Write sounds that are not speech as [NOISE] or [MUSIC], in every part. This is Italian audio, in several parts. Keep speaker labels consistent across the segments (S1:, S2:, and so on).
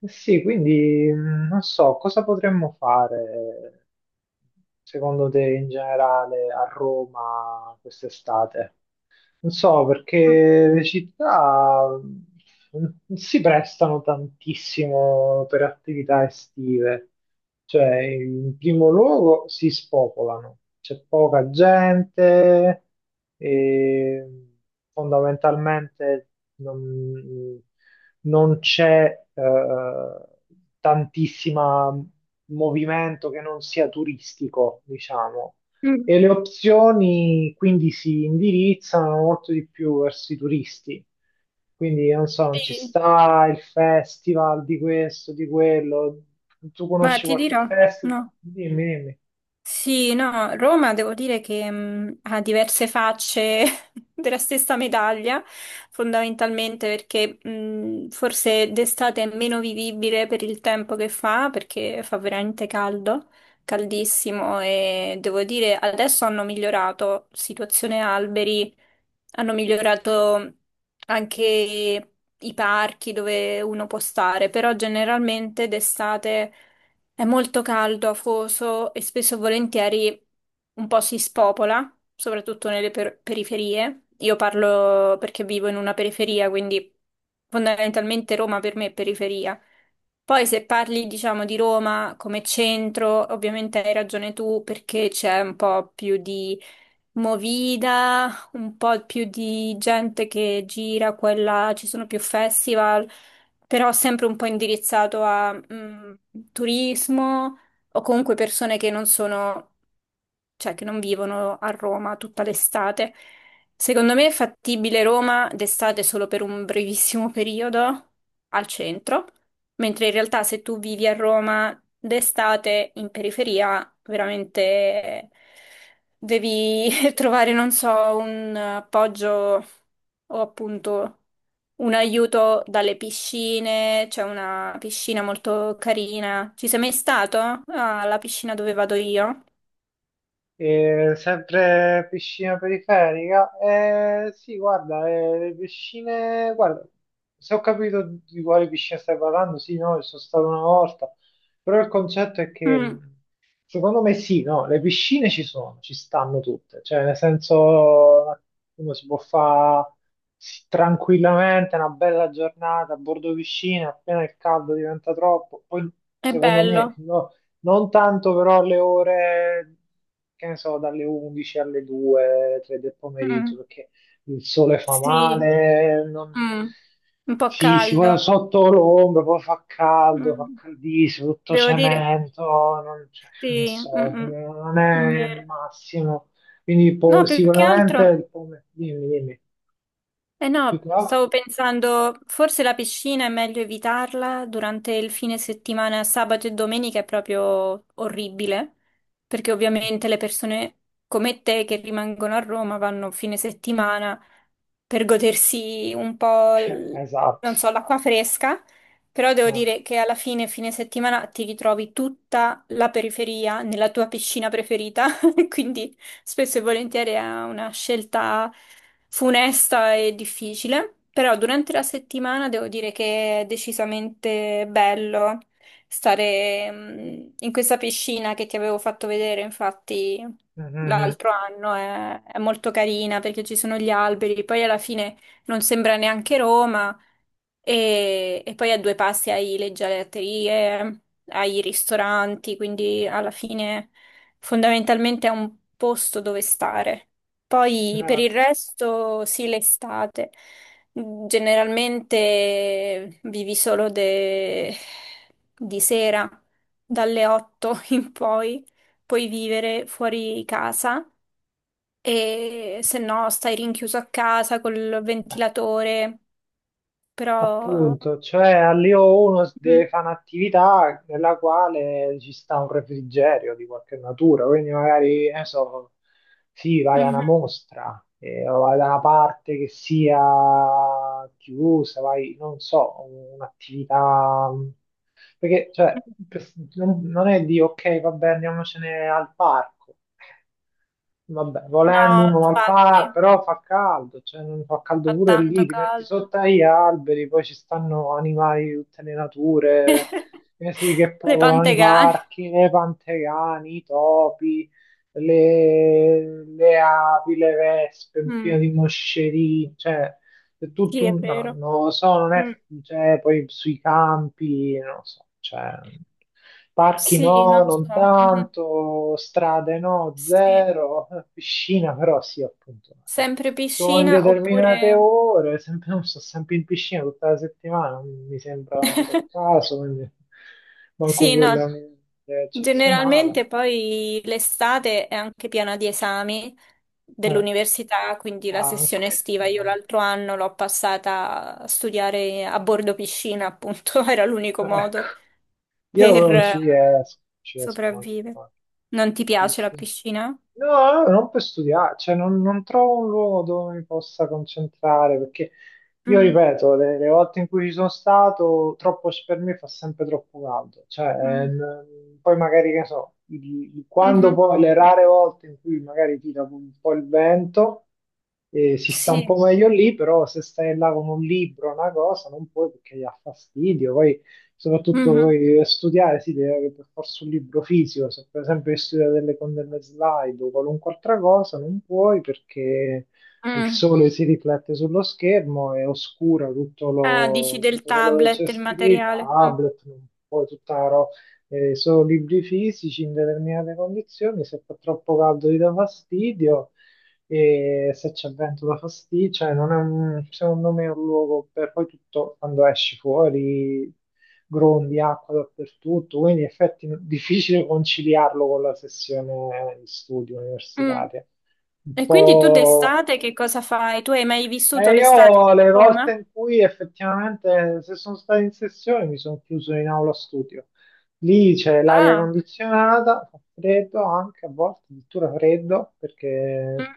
S1: Eh sì, quindi non so cosa potremmo fare secondo te in generale a Roma quest'estate? Non so,
S2: Mm,
S1: perché le città non si prestano tantissimo per attività estive. Cioè, in primo luogo si spopolano, c'è poca gente e fondamentalmente non, non c'è tantissimo movimento che non sia turistico, diciamo,
S2: mm,
S1: e le opzioni quindi si indirizzano molto di più verso i turisti. Quindi non so, non ci
S2: sì,
S1: sta il festival di questo, di quello. Tu
S2: ma
S1: conosci
S2: ti
S1: qualche
S2: dirò,
S1: festival?
S2: no.
S1: Dimmi, dimmi.
S2: Sì, no, Roma devo dire che ha diverse facce [LAUGHS] della stessa medaglia, fondamentalmente perché forse d'estate è meno vivibile per il tempo che fa, perché fa veramente caldo, caldissimo e devo dire adesso hanno migliorato situazione alberi, hanno migliorato anche i parchi dove uno può stare, però generalmente d'estate è molto caldo, afoso e spesso e volentieri un po' si spopola, soprattutto nelle periferie. Io parlo perché vivo in una periferia, quindi fondamentalmente Roma per me è periferia. Poi se parli, diciamo, di Roma come centro, ovviamente hai ragione tu perché c'è un po' più di movida, un po' più di gente che gira, quella ci sono più festival però sempre un po' indirizzato a turismo o comunque persone che non sono, cioè che non vivono a Roma tutta l'estate. Secondo me è fattibile Roma d'estate solo per un brevissimo periodo al centro, mentre in realtà se tu vivi a Roma d'estate in periferia, veramente devi [LAUGHS] trovare, non so, un appoggio o appunto un aiuto dalle piscine. C'è una piscina molto carina. Ci sei mai stato? Ah, la piscina dove vado io.
S1: E sempre piscina periferica? Sì, guarda, le piscine, guarda, se ho capito di quale piscina stai parlando, sì, no, ci sono stato una volta, però il concetto è che
S2: Mm,
S1: secondo me sì, no, le piscine ci sono, ci stanno tutte, cioè nel senso uno si può fare sì, tranquillamente una bella giornata a bordo piscina, appena il caldo diventa troppo, poi
S2: è
S1: secondo me
S2: bello.
S1: no, non tanto però alle ore, che ne so, dalle 11 alle 2, 3 del pomeriggio,
S2: Mm,
S1: perché il sole fa
S2: sì,
S1: male, non.
S2: mm, un po'
S1: Si
S2: caldo.
S1: vuole sotto l'ombra, poi fa caldo, fa
S2: Mm,
S1: caldissimo, tutto
S2: devo dire,
S1: cemento, non, cioè, non
S2: sì.
S1: so,
S2: Mm,
S1: non è
S2: mm,
S1: il
S2: vero.
S1: massimo. Quindi
S2: No, più che
S1: sicuramente
S2: altro.
S1: il pomeriggio, dimmi, dimmi,
S2: Eh
S1: più
S2: no,
S1: che altro-
S2: stavo pensando, forse la piscina è meglio evitarla durante il fine settimana, sabato e domenica è proprio orribile, perché ovviamente le persone come te che rimangono a Roma vanno fine settimana per godersi un po',
S1: [LAUGHS] Esatto.
S2: non so, l'acqua fresca, però devo
S1: Eh.
S2: dire che alla fine, fine settimana, ti ritrovi tutta la periferia nella tua piscina preferita, [LAUGHS] quindi spesso e volentieri è una scelta funesta e difficile, però durante la settimana devo dire che è decisamente bello stare, in questa piscina che ti avevo fatto vedere, infatti
S1: Mhm.
S2: l'altro anno è molto carina perché ci sono gli alberi, poi alla fine non sembra neanche Roma e poi a due passi hai le gelaterie, hai i ristoranti, quindi alla fine fondamentalmente è un posto dove stare. Poi per il resto, sì, l'estate generalmente vivi solo di sera, dalle 8 [LAUGHS] in poi, puoi vivere fuori casa e se no stai rinchiuso a casa col
S1: Eh.
S2: ventilatore, però
S1: Appunto, cioè all'io 1
S2: mhm,
S1: deve fare un'attività nella quale ci sta un refrigerio di qualche natura, quindi magari, che ne so, sì, vai a una
S2: mhm.
S1: mostra, o vai da una parte che sia chiusa, vai, non so, un'attività. Perché, cioè, non è di, ok, vabbè, andiamocene al parco. Vabbè, volendo
S2: No,
S1: uno al parco,
S2: infatti,
S1: però fa caldo, cioè non fa caldo
S2: fa
S1: pure
S2: tanto
S1: lì, ti metti
S2: caldo.
S1: sotto agli alberi, poi ci stanno animali di tutte le nature,
S2: [LAUGHS]
S1: eh sì, che
S2: Le
S1: popolano i
S2: pantegane.
S1: parchi, le pantegani, i topi, le api, le vespe, un
S2: Mm,
S1: pieno di moscerini, cioè è
S2: sì,
S1: tutto
S2: è
S1: un, no,
S2: vero.
S1: non lo so, non è.
S2: Mm,
S1: Cioè poi sui campi, non lo so, cioè. Parchi
S2: sì,
S1: no,
S2: non
S1: non
S2: so. Mhm.
S1: tanto, strade no,
S2: Sì.
S1: zero, piscina però sì, appunto. Eh.
S2: Sempre
S1: Sono in
S2: piscina
S1: determinate
S2: oppure
S1: ore, sempre, sono sempre in piscina tutta la settimana, non mi sembra tanto il
S2: [LAUGHS]
S1: caso, quindi manco
S2: sì,
S1: quella
S2: no.
S1: è eccezionale.
S2: Generalmente poi l'estate è anche piena di esami
S1: Eh,
S2: dell'università, quindi la sessione
S1: anche,
S2: estiva
S1: anche.
S2: io l'altro anno l'ho passata a studiare a bordo piscina, appunto, [LAUGHS] era l'unico
S1: Ecco.
S2: modo
S1: Io
S2: per
S1: non ci riesco, non ci riesco manco a
S2: sopravvivere.
S1: fare.
S2: Non ti
S1: Sì,
S2: piace la
S1: sì.
S2: piscina?
S1: No, no, non per studiare, cioè non trovo un luogo dove mi possa concentrare, perché io
S2: Mm.
S1: ripeto, le volte in cui ci sono stato, troppo per me fa sempre troppo caldo, cioè
S2: Mm.
S1: poi magari che ne so, quando
S2: Mhm.
S1: poi le rare volte in cui magari tira un po' il vento, si sta un po'
S2: Sì,
S1: meglio lì, però se stai là con un libro, una cosa, non puoi perché gli ha fastidio, poi soprattutto
S2: mhm.
S1: voi studiare si deve avere per forza un libro fisico, se per esempio devi studiare delle condanne slide o qualunque altra cosa non puoi perché il
S2: Mm.
S1: sole si riflette sullo schermo e oscura tutto,
S2: Ah, dici del
S1: tutto quello che c'è
S2: tablet, il
S1: scritto,
S2: materiale.
S1: tablet, non puoi tutta la ro- solo libri fisici in determinate condizioni, se fa troppo caldo ti dà fastidio e se c'è vento da fastidio, cioè non è un, secondo me è un luogo per poi tutto quando esci fuori grondie, acqua dappertutto, quindi in effetti è difficile conciliarlo con la sessione di studio
S2: Mm. Mm.
S1: universitaria. Un
S2: E quindi tu
S1: po'.
S2: d'estate che cosa fai? Tu hai mai vissuto
S1: E
S2: l'estate
S1: io
S2: a
S1: le volte
S2: Roma?
S1: in cui effettivamente, se sono stato in sessione, mi sono chiuso in aula studio. Lì c'è l'aria
S2: Ah,
S1: condizionata, fa freddo anche, a volte addirittura freddo, perché
S2: mm.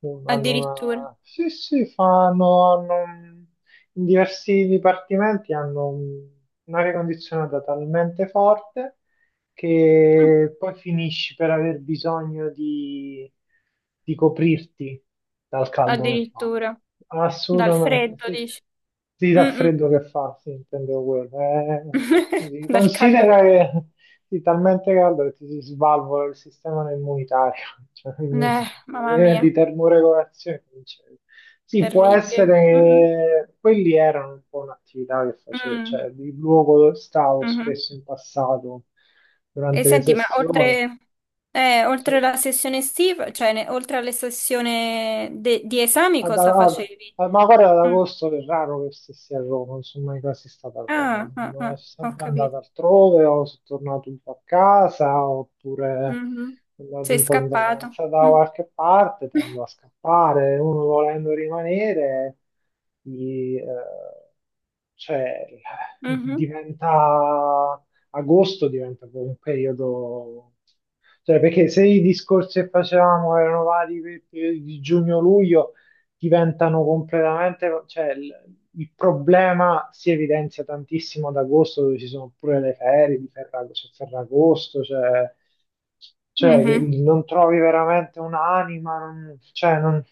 S1: hanno
S2: Addirittura.
S1: una. Sì, sì, fanno. In diversi dipartimenti hanno un'aria condizionata talmente forte
S2: Mm.
S1: che poi finisci per aver bisogno di, coprirti dal caldo che fa.
S2: Addirittura. Dal
S1: Assolutamente,
S2: freddo,
S1: sì, sì.
S2: dici.
S1: Sì, dal
S2: Mm-mm.
S1: freddo che fa, sì, intendevo quello.
S2: [LAUGHS]
S1: Sì,
S2: Dal caldo. Che
S1: considera che sì, talmente caldo che ti si svalvola il sistema immunitario, [LAUGHS] cioè,
S2: Mamma
S1: di
S2: mia,
S1: termoregolazione. Non c'è. Sì, può
S2: terribile. Mm-mm.
S1: essere che quelli erano un po' un'attività che facevo,
S2: Mm.
S1: cioè il luogo dove stavo
S2: Mhm.
S1: spesso in passato
S2: E
S1: durante le
S2: senti, ma
S1: sessioni.
S2: oltre
S1: Sì.
S2: la sessione estiva, cioè oltre alla sessione di esami,
S1: Ad-
S2: cosa
S1: ad- ad-
S2: facevi?
S1: eh, ma guarda, ad
S2: Mm.
S1: agosto è raro che stessi a Roma, non sono mai quasi stato a Roma,
S2: Ah, ah,
S1: sono
S2: ah, ho
S1: sempre andato
S2: capito.
S1: altrove, o sono tornato un po' a casa, oppure
S2: Mhm.
S1: sono andato
S2: Sei
S1: un po' in
S2: scappato.
S1: vacanza da
S2: Mm.
S1: qualche parte, tendo
S2: [LAUGHS]
S1: a scappare, uno volendo rimanere, gli, eh, cioè,
S2: Mhm.
S1: diventa agosto diventa poi un periodo, cioè perché se i discorsi che facevamo erano vari di giugno-luglio, diventano completamente, cioè il problema si evidenzia tantissimo ad agosto dove ci sono pure le ferie di c'è Ferragosto, cioè che
S2: Mhm.
S1: non trovi veramente un'anima, non, cioè non,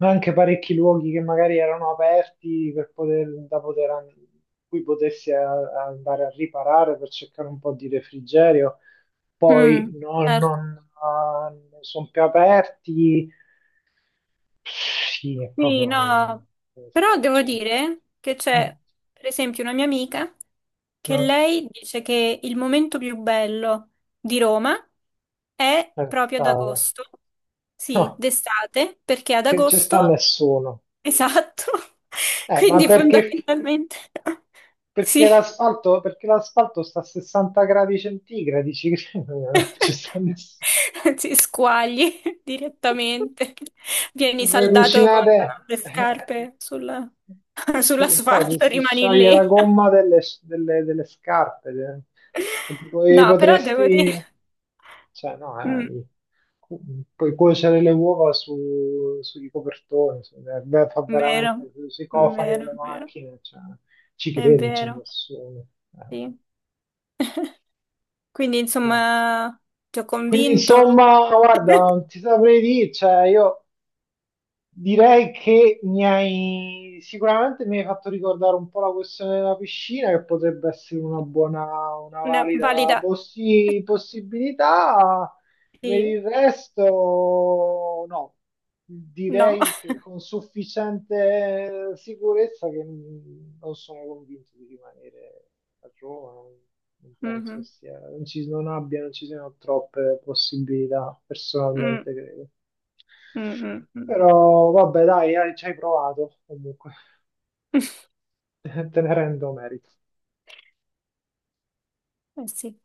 S1: anche parecchi luoghi che magari erano aperti per poter, da poter cui potessi a andare a riparare per cercare un po' di refrigerio, poi
S2: Mm.
S1: non,
S2: Certo.
S1: non, ah, non sono più aperti, sì, è
S2: Sì,
S1: proprio,
S2: no,
S1: non
S2: però
S1: so,
S2: devo
S1: cioè,
S2: dire che
S1: mm,
S2: per esempio, una mia amica che
S1: no,
S2: lei dice che il momento più bello di Roma è
S1: per
S2: proprio ad
S1: strada.
S2: agosto, sì,
S1: No,
S2: d'estate, perché ad
S1: che non ci sta
S2: agosto,
S1: nessuno.
S2: esatto, [LAUGHS]
S1: Ma
S2: quindi
S1: perché,
S2: fondamentalmente [LAUGHS] sì,
S1: perché l'asfalto perché l'asfalto sta a 60 gradi centigradi? Ci, credo, [LAUGHS] non ci sta
S2: [LAUGHS]
S1: nessuno.
S2: si squagli, [LAUGHS] direttamente, vieni
S1: Voi
S2: saldato con
S1: cucinate,
S2: le
S1: [LAUGHS]
S2: scarpe sulla- [LAUGHS]
S1: sì, infatti
S2: sull'asfalto,
S1: si
S2: rimani
S1: scioglie la
S2: lì.
S1: gomma delle scarpe, e tipo,
S2: [LAUGHS]
S1: e
S2: No, però devo dire,
S1: potresti, cioè no,
S2: mm,
S1: cu- puoi cuocere le uova sui copertoni, beh, fa
S2: vero,
S1: veramente sui cofani
S2: vero,
S1: delle
S2: vero.
S1: macchine, cioè, ci
S2: È
S1: crede, c'è
S2: vero,
S1: nessuno. Eh,
S2: sì. [LAUGHS] Quindi,
S1: dai.
S2: insomma, ti ho
S1: Quindi
S2: convinto.
S1: insomma, guarda,
S2: [LAUGHS]
S1: non ti saprei dire, cioè io. Direi che mi hai sicuramente mi hai fatto ricordare un po' la questione della piscina, che potrebbe essere una buona, una
S2: Una
S1: valida
S2: valida...
S1: possibilità. Per
S2: Sì,
S1: il resto, no,
S2: no.
S1: direi che con sufficiente sicurezza che non sono convinto di rimanere a Roma, non
S2: [LAUGHS]
S1: penso che
S2: Mhm.
S1: sia, non ci, non abbia, non ci siano troppe possibilità,
S2: Mm,
S1: personalmente credo.
S2: mm, mm, mm.
S1: Però vabbè, dai, ci hai provato comunque,
S2: [LAUGHS]
S1: [LAUGHS] te ne rendo merito.
S2: Eh sì.